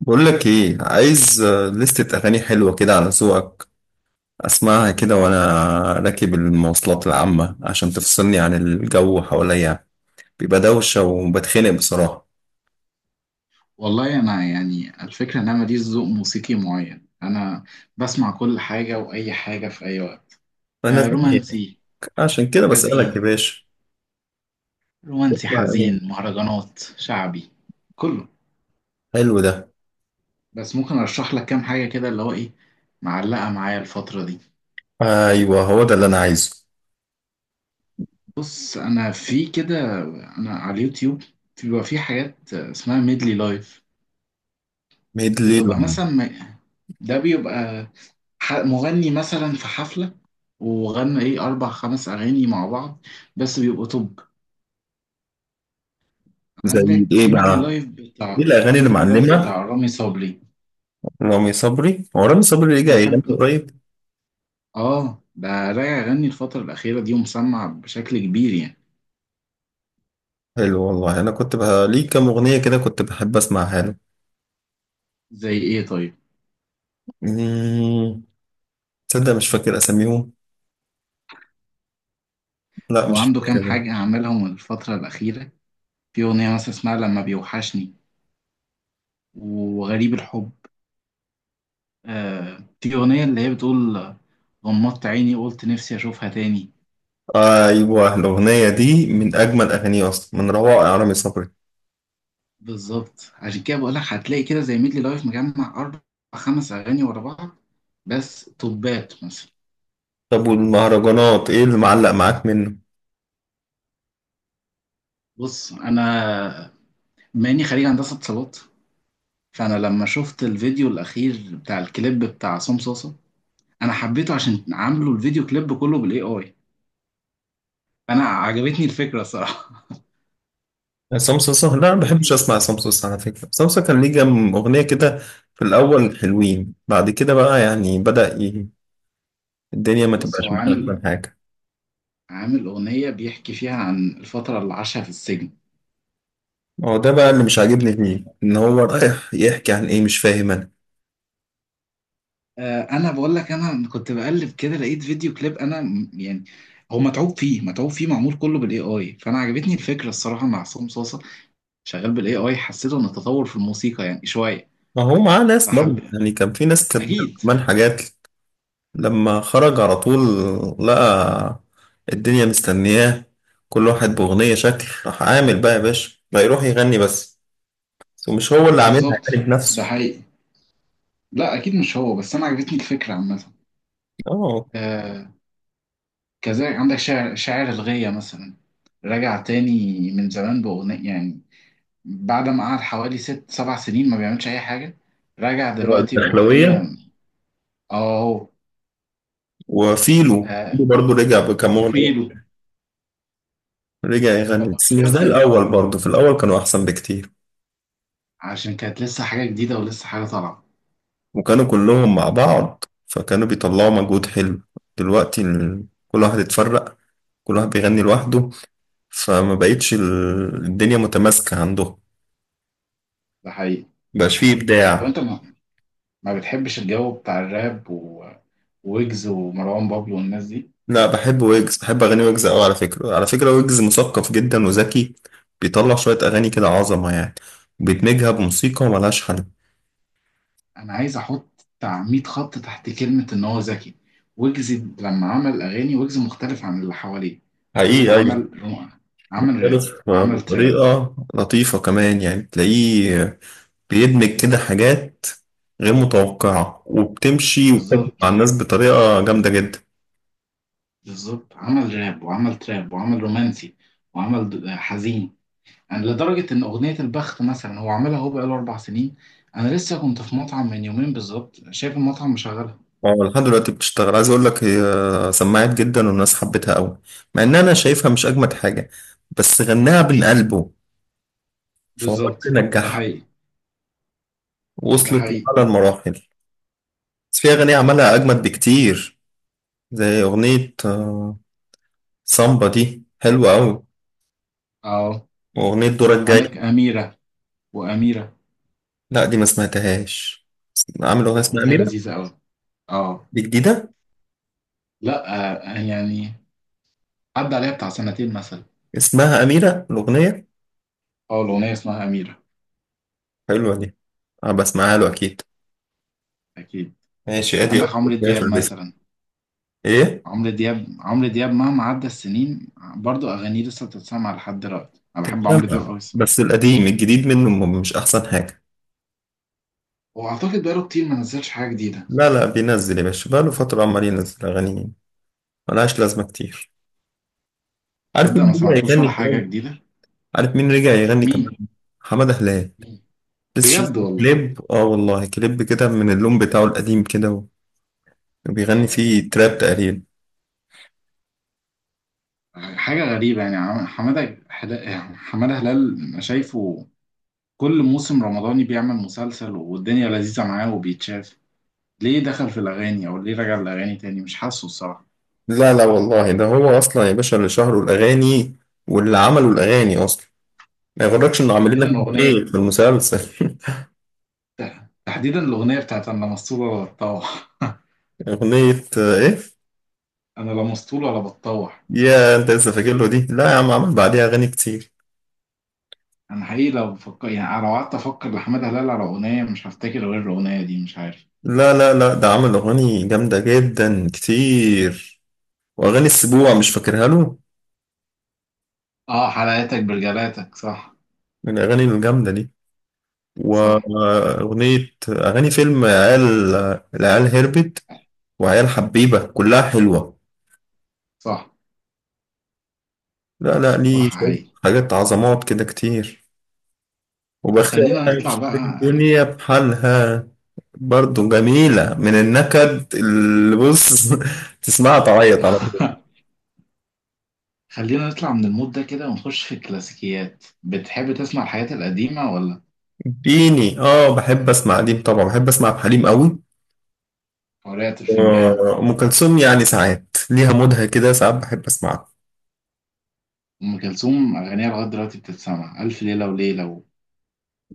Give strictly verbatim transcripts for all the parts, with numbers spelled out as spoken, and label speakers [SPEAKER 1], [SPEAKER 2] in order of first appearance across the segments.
[SPEAKER 1] بقول لك ايه، عايز آه، لستة اغاني حلوة كده على ذوقك، اسمعها كده وانا راكب المواصلات العامة، عشان تفصلني عن الجو حواليا. بيبقى دوشة وبتخنق بصراحة.
[SPEAKER 2] والله انا يعني الفكره ان انا ماليش ذوق موسيقي معين. انا بسمع كل حاجه واي حاجه في اي وقت.
[SPEAKER 1] فانا
[SPEAKER 2] آه،
[SPEAKER 1] زيك،
[SPEAKER 2] رومانسي.
[SPEAKER 1] عشان كده بسألك يا
[SPEAKER 2] حزين.
[SPEAKER 1] باشا.
[SPEAKER 2] رومانسي،
[SPEAKER 1] اسمع
[SPEAKER 2] حزين،
[SPEAKER 1] ايه؟
[SPEAKER 2] مهرجانات، شعبي. كله.
[SPEAKER 1] حلو ده.
[SPEAKER 2] بس ممكن ارشح لك كام حاجه كده اللي هو ايه معلقه معايا الفتره دي.
[SPEAKER 1] ايوه، هو ده اللي انا عايزه.
[SPEAKER 2] بص، انا في كده، انا على اليوتيوب بيبقى في حاجات اسمها ميدلي لايف.
[SPEAKER 1] ميد ليل؟
[SPEAKER 2] بتبقى مثلا، م- ده بيبقى ح- مغني مثلا في حفلة وغنى ايه اربع خمس اغاني مع بعض بس بيبقوا توب.
[SPEAKER 1] زي
[SPEAKER 2] عندك
[SPEAKER 1] ايه
[SPEAKER 2] في ميدلي
[SPEAKER 1] بقى؟
[SPEAKER 2] لايف
[SPEAKER 1] ايه
[SPEAKER 2] بتاع
[SPEAKER 1] الاغاني
[SPEAKER 2] في
[SPEAKER 1] اللي
[SPEAKER 2] ميدلي لايف
[SPEAKER 1] معلمة؟
[SPEAKER 2] بتاع رامي صبري.
[SPEAKER 1] رامي صبري، هو رامي صبري رجع
[SPEAKER 2] انا
[SPEAKER 1] يغني
[SPEAKER 2] بحب
[SPEAKER 1] قريب؟
[SPEAKER 2] اه، ده راجع يغني الفترة الأخيرة دي ومسمع بشكل كبير يعني.
[SPEAKER 1] حلو والله. انا كنت بقى ليه كام اغنية كده كنت بحب اسمعها له.
[SPEAKER 2] زي ايه طيب؟
[SPEAKER 1] مم. تصدق مش فاكر اساميهم. لا
[SPEAKER 2] هو
[SPEAKER 1] مش
[SPEAKER 2] عنده كام
[SPEAKER 1] فاكر.
[SPEAKER 2] حاجة عملهم الفترة الأخيرة، في أغنية مثلا اسمها لما بيوحشني، وغريب الحب. آه، في أغنية اللي هي بتقول غمضت عيني قلت نفسي أشوفها تاني.
[SPEAKER 1] ايوه، الاغنيه دي من اجمل اغانيه اصلا، من روائع رامي صبري.
[SPEAKER 2] بالظبط، عشان كده بقول لك هتلاقي كده زي ميدلي لايف مجمع اربع خمس اغاني ورا بعض بس توبات مثلا.
[SPEAKER 1] طب والمهرجانات ايه اللي معلق معاك منه؟
[SPEAKER 2] بص، انا ماني خريج هندسه اتصالات، فانا لما شفت الفيديو الاخير بتاع الكليب بتاع عصام صاصا انا حبيته عشان عامله الفيديو كليب كله بالاي اي، انا عجبتني الفكره الصراحه.
[SPEAKER 1] عصام صاصا؟ لا، ما بحبش
[SPEAKER 2] الفيديو
[SPEAKER 1] اسمع عصام صاصا. على فكره عصام صاصا كان ليه كام اغنيه كده في الاول حلوين، بعد كده بقى يعني بدا ي- الدنيا ما
[SPEAKER 2] بص، هو
[SPEAKER 1] تبقاش
[SPEAKER 2] عامل
[SPEAKER 1] مخالفه حاجه.
[SPEAKER 2] عامل اغنيه بيحكي فيها عن الفتره اللي عاشها في السجن.
[SPEAKER 1] هو ده بقى اللي مش عاجبني فيه، ان هو رايح يحكي عن ايه مش فاهم انا.
[SPEAKER 2] آه، انا بقول لك انا كنت بقلب كده لقيت فيديو كليب انا م- يعني هو متعوب فيه متعوب فيه معمول كله بالاي اي، فانا عجبتني الفكره الصراحه مع عصام صاصه شغال بالاي اي، حسيته ان التطور في الموسيقى يعني شويه.
[SPEAKER 1] ما هو معاه ناس
[SPEAKER 2] فحب
[SPEAKER 1] برضه يعني، كان في ناس كاتبه له
[SPEAKER 2] اكيد.
[SPEAKER 1] كمان حاجات. لما خرج على طول لقى الدنيا مستنياه، كل واحد بأغنية، شكل راح عامل بقى يا باشا بقى يروح يغني بس. ومش هو اللي عاملها
[SPEAKER 2] بالظبط،
[SPEAKER 1] يعني
[SPEAKER 2] ده
[SPEAKER 1] بنفسه.
[SPEAKER 2] حقيقي. لا اكيد مش هو بس، انا عجبتني الفكره عامه.
[SPEAKER 1] اه.
[SPEAKER 2] آه. كذلك عندك شاعر شاعر الغية مثلا، رجع تاني من زمان باغنيه يعني، بعد ما قعد حوالي ست سبع سنين ما بيعملش اي حاجه، رجع
[SPEAKER 1] هو
[SPEAKER 2] دلوقتي باغنيه. اه.
[SPEAKER 1] الدخلوية.
[SPEAKER 2] اهو.
[SPEAKER 1] وفيلو
[SPEAKER 2] آه،
[SPEAKER 1] برضه رجع بكام أغنية،
[SPEAKER 2] وفيلو.
[SPEAKER 1] رجع يغني
[SPEAKER 2] فكنت
[SPEAKER 1] بس مش زي
[SPEAKER 2] شايفهم
[SPEAKER 1] الأول، برضه في الأول كانوا أحسن بكتير
[SPEAKER 2] عشان كانت لسه حاجة جديدة ولسه حاجة طالعة.
[SPEAKER 1] وكانوا كلهم مع بعض، فكانوا بيطلعوا مجهود حلو. دلوقتي ال- كل واحد اتفرق، كل واحد بيغني لوحده، فما بقتش ال- الدنيا متماسكة عندهم.
[SPEAKER 2] ده حقيقي،
[SPEAKER 1] مبقاش
[SPEAKER 2] ده
[SPEAKER 1] فيه
[SPEAKER 2] حقيقي. طب
[SPEAKER 1] إبداع.
[SPEAKER 2] انت ما, ما بتحبش الجو بتاع الراب، و- وويجز ومروان بابلو والناس دي.
[SPEAKER 1] لا، بحب ويجز، بحب أغاني ويجز أوي. على فكرة، على فكرة ويجز مثقف جدا وذكي، بيطلع شوية أغاني كده عظمة يعني، وبيدمجها بموسيقى ملهاش حل.
[SPEAKER 2] انا عايز احط بتاع مية خط تحت كلمة ان هو ذكي. ويجز لما عمل اغاني ويجز مختلف عن اللي حواليه. ويجز
[SPEAKER 1] حقيقي أيوة.
[SPEAKER 2] عمل رو- عمل راب
[SPEAKER 1] مختلف
[SPEAKER 2] وعمل تراب.
[SPEAKER 1] بطريقة لطيفة كمان، يعني تلاقيه بيدمج كده حاجات غير متوقعة، وبتمشي وبتاكل مع
[SPEAKER 2] بالظبط،
[SPEAKER 1] الناس بطريقة جامدة جدا.
[SPEAKER 2] بالظبط، عمل راب وعمل تراب وعمل رومانسي، وعمل د- حزين يعني، لدرجة إن أغنية البخت مثلا هو عاملها، هو بقاله أربع سنين. أنا لسه كنت في مطعم من يومين بالظبط شايف المطعم مشغلها.
[SPEAKER 1] اه لحد دلوقتي بتشتغل. عايز اقول لك، هي سمعت جدا والناس حبتها قوي، مع ان انا شايفها مش اجمد حاجة، بس غناها من قلبه، فهو
[SPEAKER 2] بالظبط،
[SPEAKER 1] اللي
[SPEAKER 2] ده
[SPEAKER 1] نجحها،
[SPEAKER 2] حقيقي، ده
[SPEAKER 1] وصلت
[SPEAKER 2] حقيقي.
[SPEAKER 1] لأعلى المراحل. بس في أغاني عملها أجمد بكتير، زي أغنية آه، سامبا دي حلوة أوي،
[SPEAKER 2] أه.
[SPEAKER 1] وأغنية دورك الجاي.
[SPEAKER 2] عندك أميرة. وأميرة،
[SPEAKER 1] لا دي ما سمعتهاش. عامل أغنية
[SPEAKER 2] لا،
[SPEAKER 1] اسمها
[SPEAKER 2] أغنية
[SPEAKER 1] أميرة؟
[SPEAKER 2] لذيذة أوي. أه.
[SPEAKER 1] دي جديدة.
[SPEAKER 2] لا، آه، يعني عدى عليها بتاع سنتين مثلا.
[SPEAKER 1] اسمها أميرة الأغنية؟
[SPEAKER 2] أه، الأغنية اسمها أميرة.
[SPEAKER 1] حلوة دي، أنا بسمعها له أكيد.
[SPEAKER 2] أكيد.
[SPEAKER 1] ماشي، أدي
[SPEAKER 2] عندك
[SPEAKER 1] أول
[SPEAKER 2] عمرو
[SPEAKER 1] أغنية في
[SPEAKER 2] دياب
[SPEAKER 1] البيت.
[SPEAKER 2] مثلا.
[SPEAKER 1] إيه؟
[SPEAKER 2] عمرو دياب عمرو دياب مهما عدى السنين برضو أغانيه لسه بتتسمع لحد دلوقتي، أنا بحب عمرو دياب
[SPEAKER 1] تتجمع،
[SPEAKER 2] أوي الصراحة.
[SPEAKER 1] بس القديم الجديد منه م- مش أحسن حاجة.
[SPEAKER 2] وأعتقد بقاله كتير ما نزلش حاجة جديدة.
[SPEAKER 1] لا لا، بينزل يا باشا، بقاله فترة عمال ينزل أغاني ملهاش لازمة كتير. عارف
[SPEAKER 2] تصدق،
[SPEAKER 1] مين
[SPEAKER 2] ما
[SPEAKER 1] اللي
[SPEAKER 2] سمعتلوش
[SPEAKER 1] بيغني
[SPEAKER 2] ولا حاجة
[SPEAKER 1] كمان؟
[SPEAKER 2] جديدة.
[SPEAKER 1] عارف مين رجع يغني
[SPEAKER 2] مين؟
[SPEAKER 1] كمان؟ حمادة هلال.
[SPEAKER 2] مين؟
[SPEAKER 1] لسه شايف
[SPEAKER 2] بجد والله.
[SPEAKER 1] كليب، اه والله كليب كده من اللون بتاعه القديم كده و- بيغني فيه تراب تقريبا.
[SPEAKER 2] حاجة غريبة يعني، عم- حمادة حلا- حمادة هلال أنا شايفه كل موسم رمضاني بيعمل مسلسل والدنيا لذيذة معاه وبيتشاف، ليه دخل في الأغاني أو ليه رجع الأغاني تاني؟ مش حاسه الصراحة.
[SPEAKER 1] لا لا والله، ده هو اصلا يا باشا اللي شهره الاغاني واللي عملوا الاغاني اصلا، ما يغركش انه عاملين لك
[SPEAKER 2] تحديدا أغنية
[SPEAKER 1] ايه في المسلسل.
[SPEAKER 2] تحديدا الأغنية بتاعت أنا لا مسطول ولا بتطوح.
[SPEAKER 1] اغنية آه، ايه.
[SPEAKER 2] أنا لا مسطول ولا بتطوح.
[SPEAKER 1] يا انت لسه فاكر له دي، لا يا عم عمل بعديها اغاني كتير.
[SPEAKER 2] أنا حقيقي لو بفكر يعني، لو قعدت أفكر لحمادة هلال على أغنية مش هفتكر غير الأغنية دي، مش عارف.
[SPEAKER 1] لا لا لا، ده عمل اغاني جامدة جدا كتير، واغاني السبوع مش فاكرها له؟
[SPEAKER 2] آه، حلقاتك برجلاتك، صح.
[SPEAKER 1] من الاغاني الجامدة دي،
[SPEAKER 2] صح.
[SPEAKER 1] وأغنية أغاني فيلم عيال، العيال هربت، وعيال حبيبة، كلها حلوة.
[SPEAKER 2] صح.
[SPEAKER 1] لا لا،
[SPEAKER 2] صح،
[SPEAKER 1] ليه شوية
[SPEAKER 2] حقيقي.
[SPEAKER 1] حاجات عظمات كده كتير.
[SPEAKER 2] طب
[SPEAKER 1] وبخاف
[SPEAKER 2] خلينا نطلع بقى.
[SPEAKER 1] الدنيا بحالها، برضو جميلة من النكد اللي بص تسمعها تعيط على طول.
[SPEAKER 2] خلينا نطلع من المود ده كده ونخش في الكلاسيكيات. بتحب تسمع الحاجات القديمة ولا؟
[SPEAKER 1] ديني اه، بحب اسمع قديم طبعا، بحب اسمع حليم قوي.
[SPEAKER 2] قارئة الفنجان.
[SPEAKER 1] آه، أم كلثوم يعني ساعات ليها مودها كده، ساعات بحب اسمعها.
[SPEAKER 2] أم كلثوم أغانيها لغاية دلوقتي بتتسمع، ألف ليلة وليلة، و...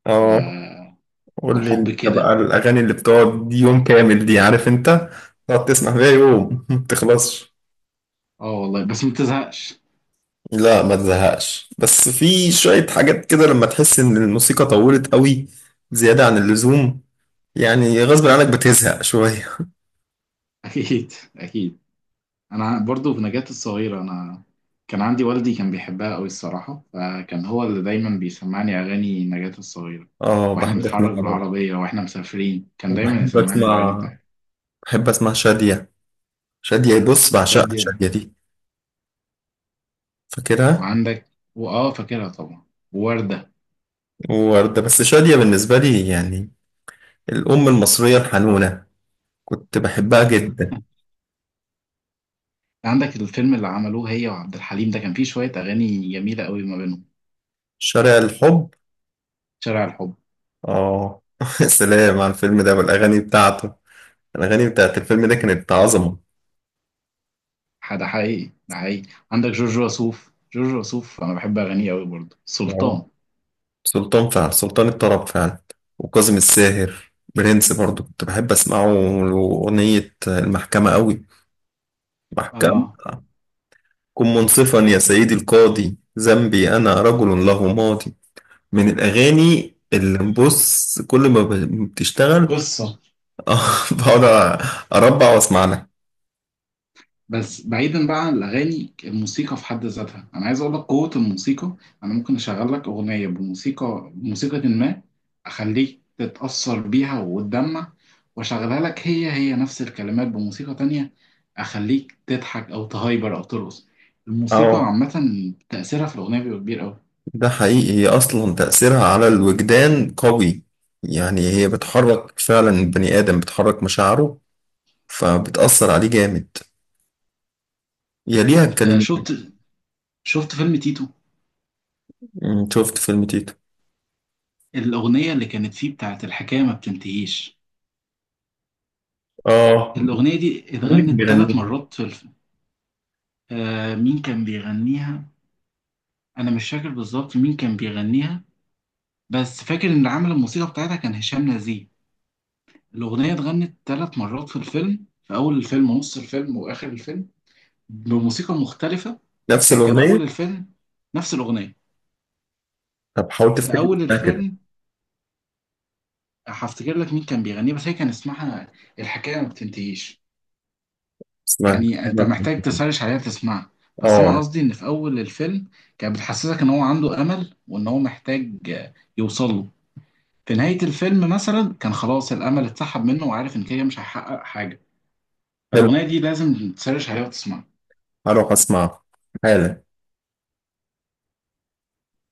[SPEAKER 1] اه.
[SPEAKER 2] و...
[SPEAKER 1] قول لي
[SPEAKER 2] والحب
[SPEAKER 1] انت بقى،
[SPEAKER 2] كده.
[SPEAKER 1] الاغاني اللي بتقعد دي يوم كامل دي عارف انت، تقعد تسمع فيها يوم ما بتخلصش.
[SPEAKER 2] اه والله، بس ما بتزهقش.
[SPEAKER 1] لا ما تزهقش، بس في شوية حاجات كده لما تحس ان الموسيقى طولت قوي زيادة عن اللزوم، يعني غصب عنك بتزهق شوية.
[SPEAKER 2] أكيد، أكيد. انا برضو في نجاة الصغيرة. انا كان عندي والدي كان بيحبها قوي الصراحة، فكان هو اللي دايما بيسمعني اغاني نجاة الصغيرة
[SPEAKER 1] اه
[SPEAKER 2] واحنا
[SPEAKER 1] بحب اسمع
[SPEAKER 2] بنتحرك
[SPEAKER 1] برضه.
[SPEAKER 2] بالعربية، واحنا مسافرين كان دايما
[SPEAKER 1] بحب
[SPEAKER 2] يسمعني الاغاني
[SPEAKER 1] اسمع
[SPEAKER 2] بتاعتها.
[SPEAKER 1] بحب اسمع شادية. شادية بص، بعشقها
[SPEAKER 2] شادية.
[SPEAKER 1] شادية دي، فاكرها،
[SPEAKER 2] وعندك، واه فاكرها طبعا، ووردة.
[SPEAKER 1] ووردة. بس شادية بالنسبة لي يعني الأم المصرية الحنونة، كنت بحبها جدا.
[SPEAKER 2] عندك الفيلم اللي عملوه هي وعبد الحليم ده كان فيه شوية اغاني جميلة قوي ما بينهم.
[SPEAKER 1] شارع الحب،
[SPEAKER 2] شارع الحب.
[SPEAKER 1] اه سلام على الفيلم ده والاغاني بتاعته، الاغاني بتاعت الفيلم ده كانت عظمه.
[SPEAKER 2] ده حقيقي، ده حقيقي. عندك جورج وسوف. جورج وسوف انا بحب اغانيه قوي برضه،
[SPEAKER 1] اه،
[SPEAKER 2] سلطان.
[SPEAKER 1] سلطان فعلا، سلطان الطرب فعلا. وكاظم الساهر برنس، برضو كنت بحب اسمعه له. اغنيه المحكمه قوي، محكمه،
[SPEAKER 2] اه.
[SPEAKER 1] كن منصفا يا سيدي القاضي، ذنبي انا رجل له ماضي، من الاغاني اللي بص كل ما ب- بتشتغل
[SPEAKER 2] قصة.
[SPEAKER 1] آه، بقعد اربع واسمع لها.
[SPEAKER 2] بس بعيدا بقى عن الاغاني، الموسيقى في حد ذاتها، انا عايز اقول لك قوه الموسيقى. انا ممكن اشغل لك اغنيه بموسيقى بموسيقى ما، اخليك تتاثر بيها وتدمع، واشغلها لك هي هي نفس الكلمات بموسيقى تانية، اخليك تضحك او تهايبر او ترقص. الموسيقى
[SPEAKER 1] اه
[SPEAKER 2] عامه تاثيرها في الاغنيه بيبقى كبير قوي.
[SPEAKER 1] ده حقيقي، هي أصلا تأثيرها على الوجدان قوي، يعني هي بتحرك فعلا البني آدم، بتحرك مشاعره، فبتأثر عليه جامد، يليها
[SPEAKER 2] انت
[SPEAKER 1] الكلمات.
[SPEAKER 2] شفت شفت فيلم تيتو؟
[SPEAKER 1] مم، شفت فيلم تيتو.
[SPEAKER 2] الاغنيه اللي كانت فيه بتاعت الحكايه ما بتنتهيش،
[SPEAKER 1] اه،
[SPEAKER 2] الاغنيه دي
[SPEAKER 1] مين اللي كان
[SPEAKER 2] اتغنت ثلاث
[SPEAKER 1] بيغنيها؟
[SPEAKER 2] مرات في الفيلم. آه، مين كان بيغنيها؟ انا مش فاكر بالظبط مين كان بيغنيها، بس فاكر ان عامل الموسيقى بتاعتها كان هشام نزيه. الاغنيه اتغنت ثلاث مرات في الفيلم، في اول الفيلم ونص الفيلم واخر الفيلم بموسيقى مختلفه.
[SPEAKER 1] نفس
[SPEAKER 2] يعني كان اول
[SPEAKER 1] الأغنية؟
[SPEAKER 2] الفيلم نفس الاغنيه،
[SPEAKER 1] طب حاول
[SPEAKER 2] في
[SPEAKER 1] تفتكر
[SPEAKER 2] اول
[SPEAKER 1] اسمها كده.
[SPEAKER 2] الفيلم هفتكر لك مين كان بيغنيها، بس هي كان اسمها الحكايه ما بتنتهيش.
[SPEAKER 1] اسمها
[SPEAKER 2] يعني انت
[SPEAKER 1] كلامك من
[SPEAKER 2] محتاج
[SPEAKER 1] كتير.
[SPEAKER 2] تسرش عليها تسمعها. بس انا
[SPEAKER 1] اه
[SPEAKER 2] قصدي ان في اول الفيلم كانت بتحسسك ان هو عنده امل وان هو محتاج يوصل له. في نهاية الفيلم مثلا كان خلاص الأمل اتسحب منه وعارف إن كده مش هيحقق حاجة.
[SPEAKER 1] حلو،
[SPEAKER 2] فالأغنية دي لازم تسرش عليها وتسمعها.
[SPEAKER 1] هروح أسمعها حالا.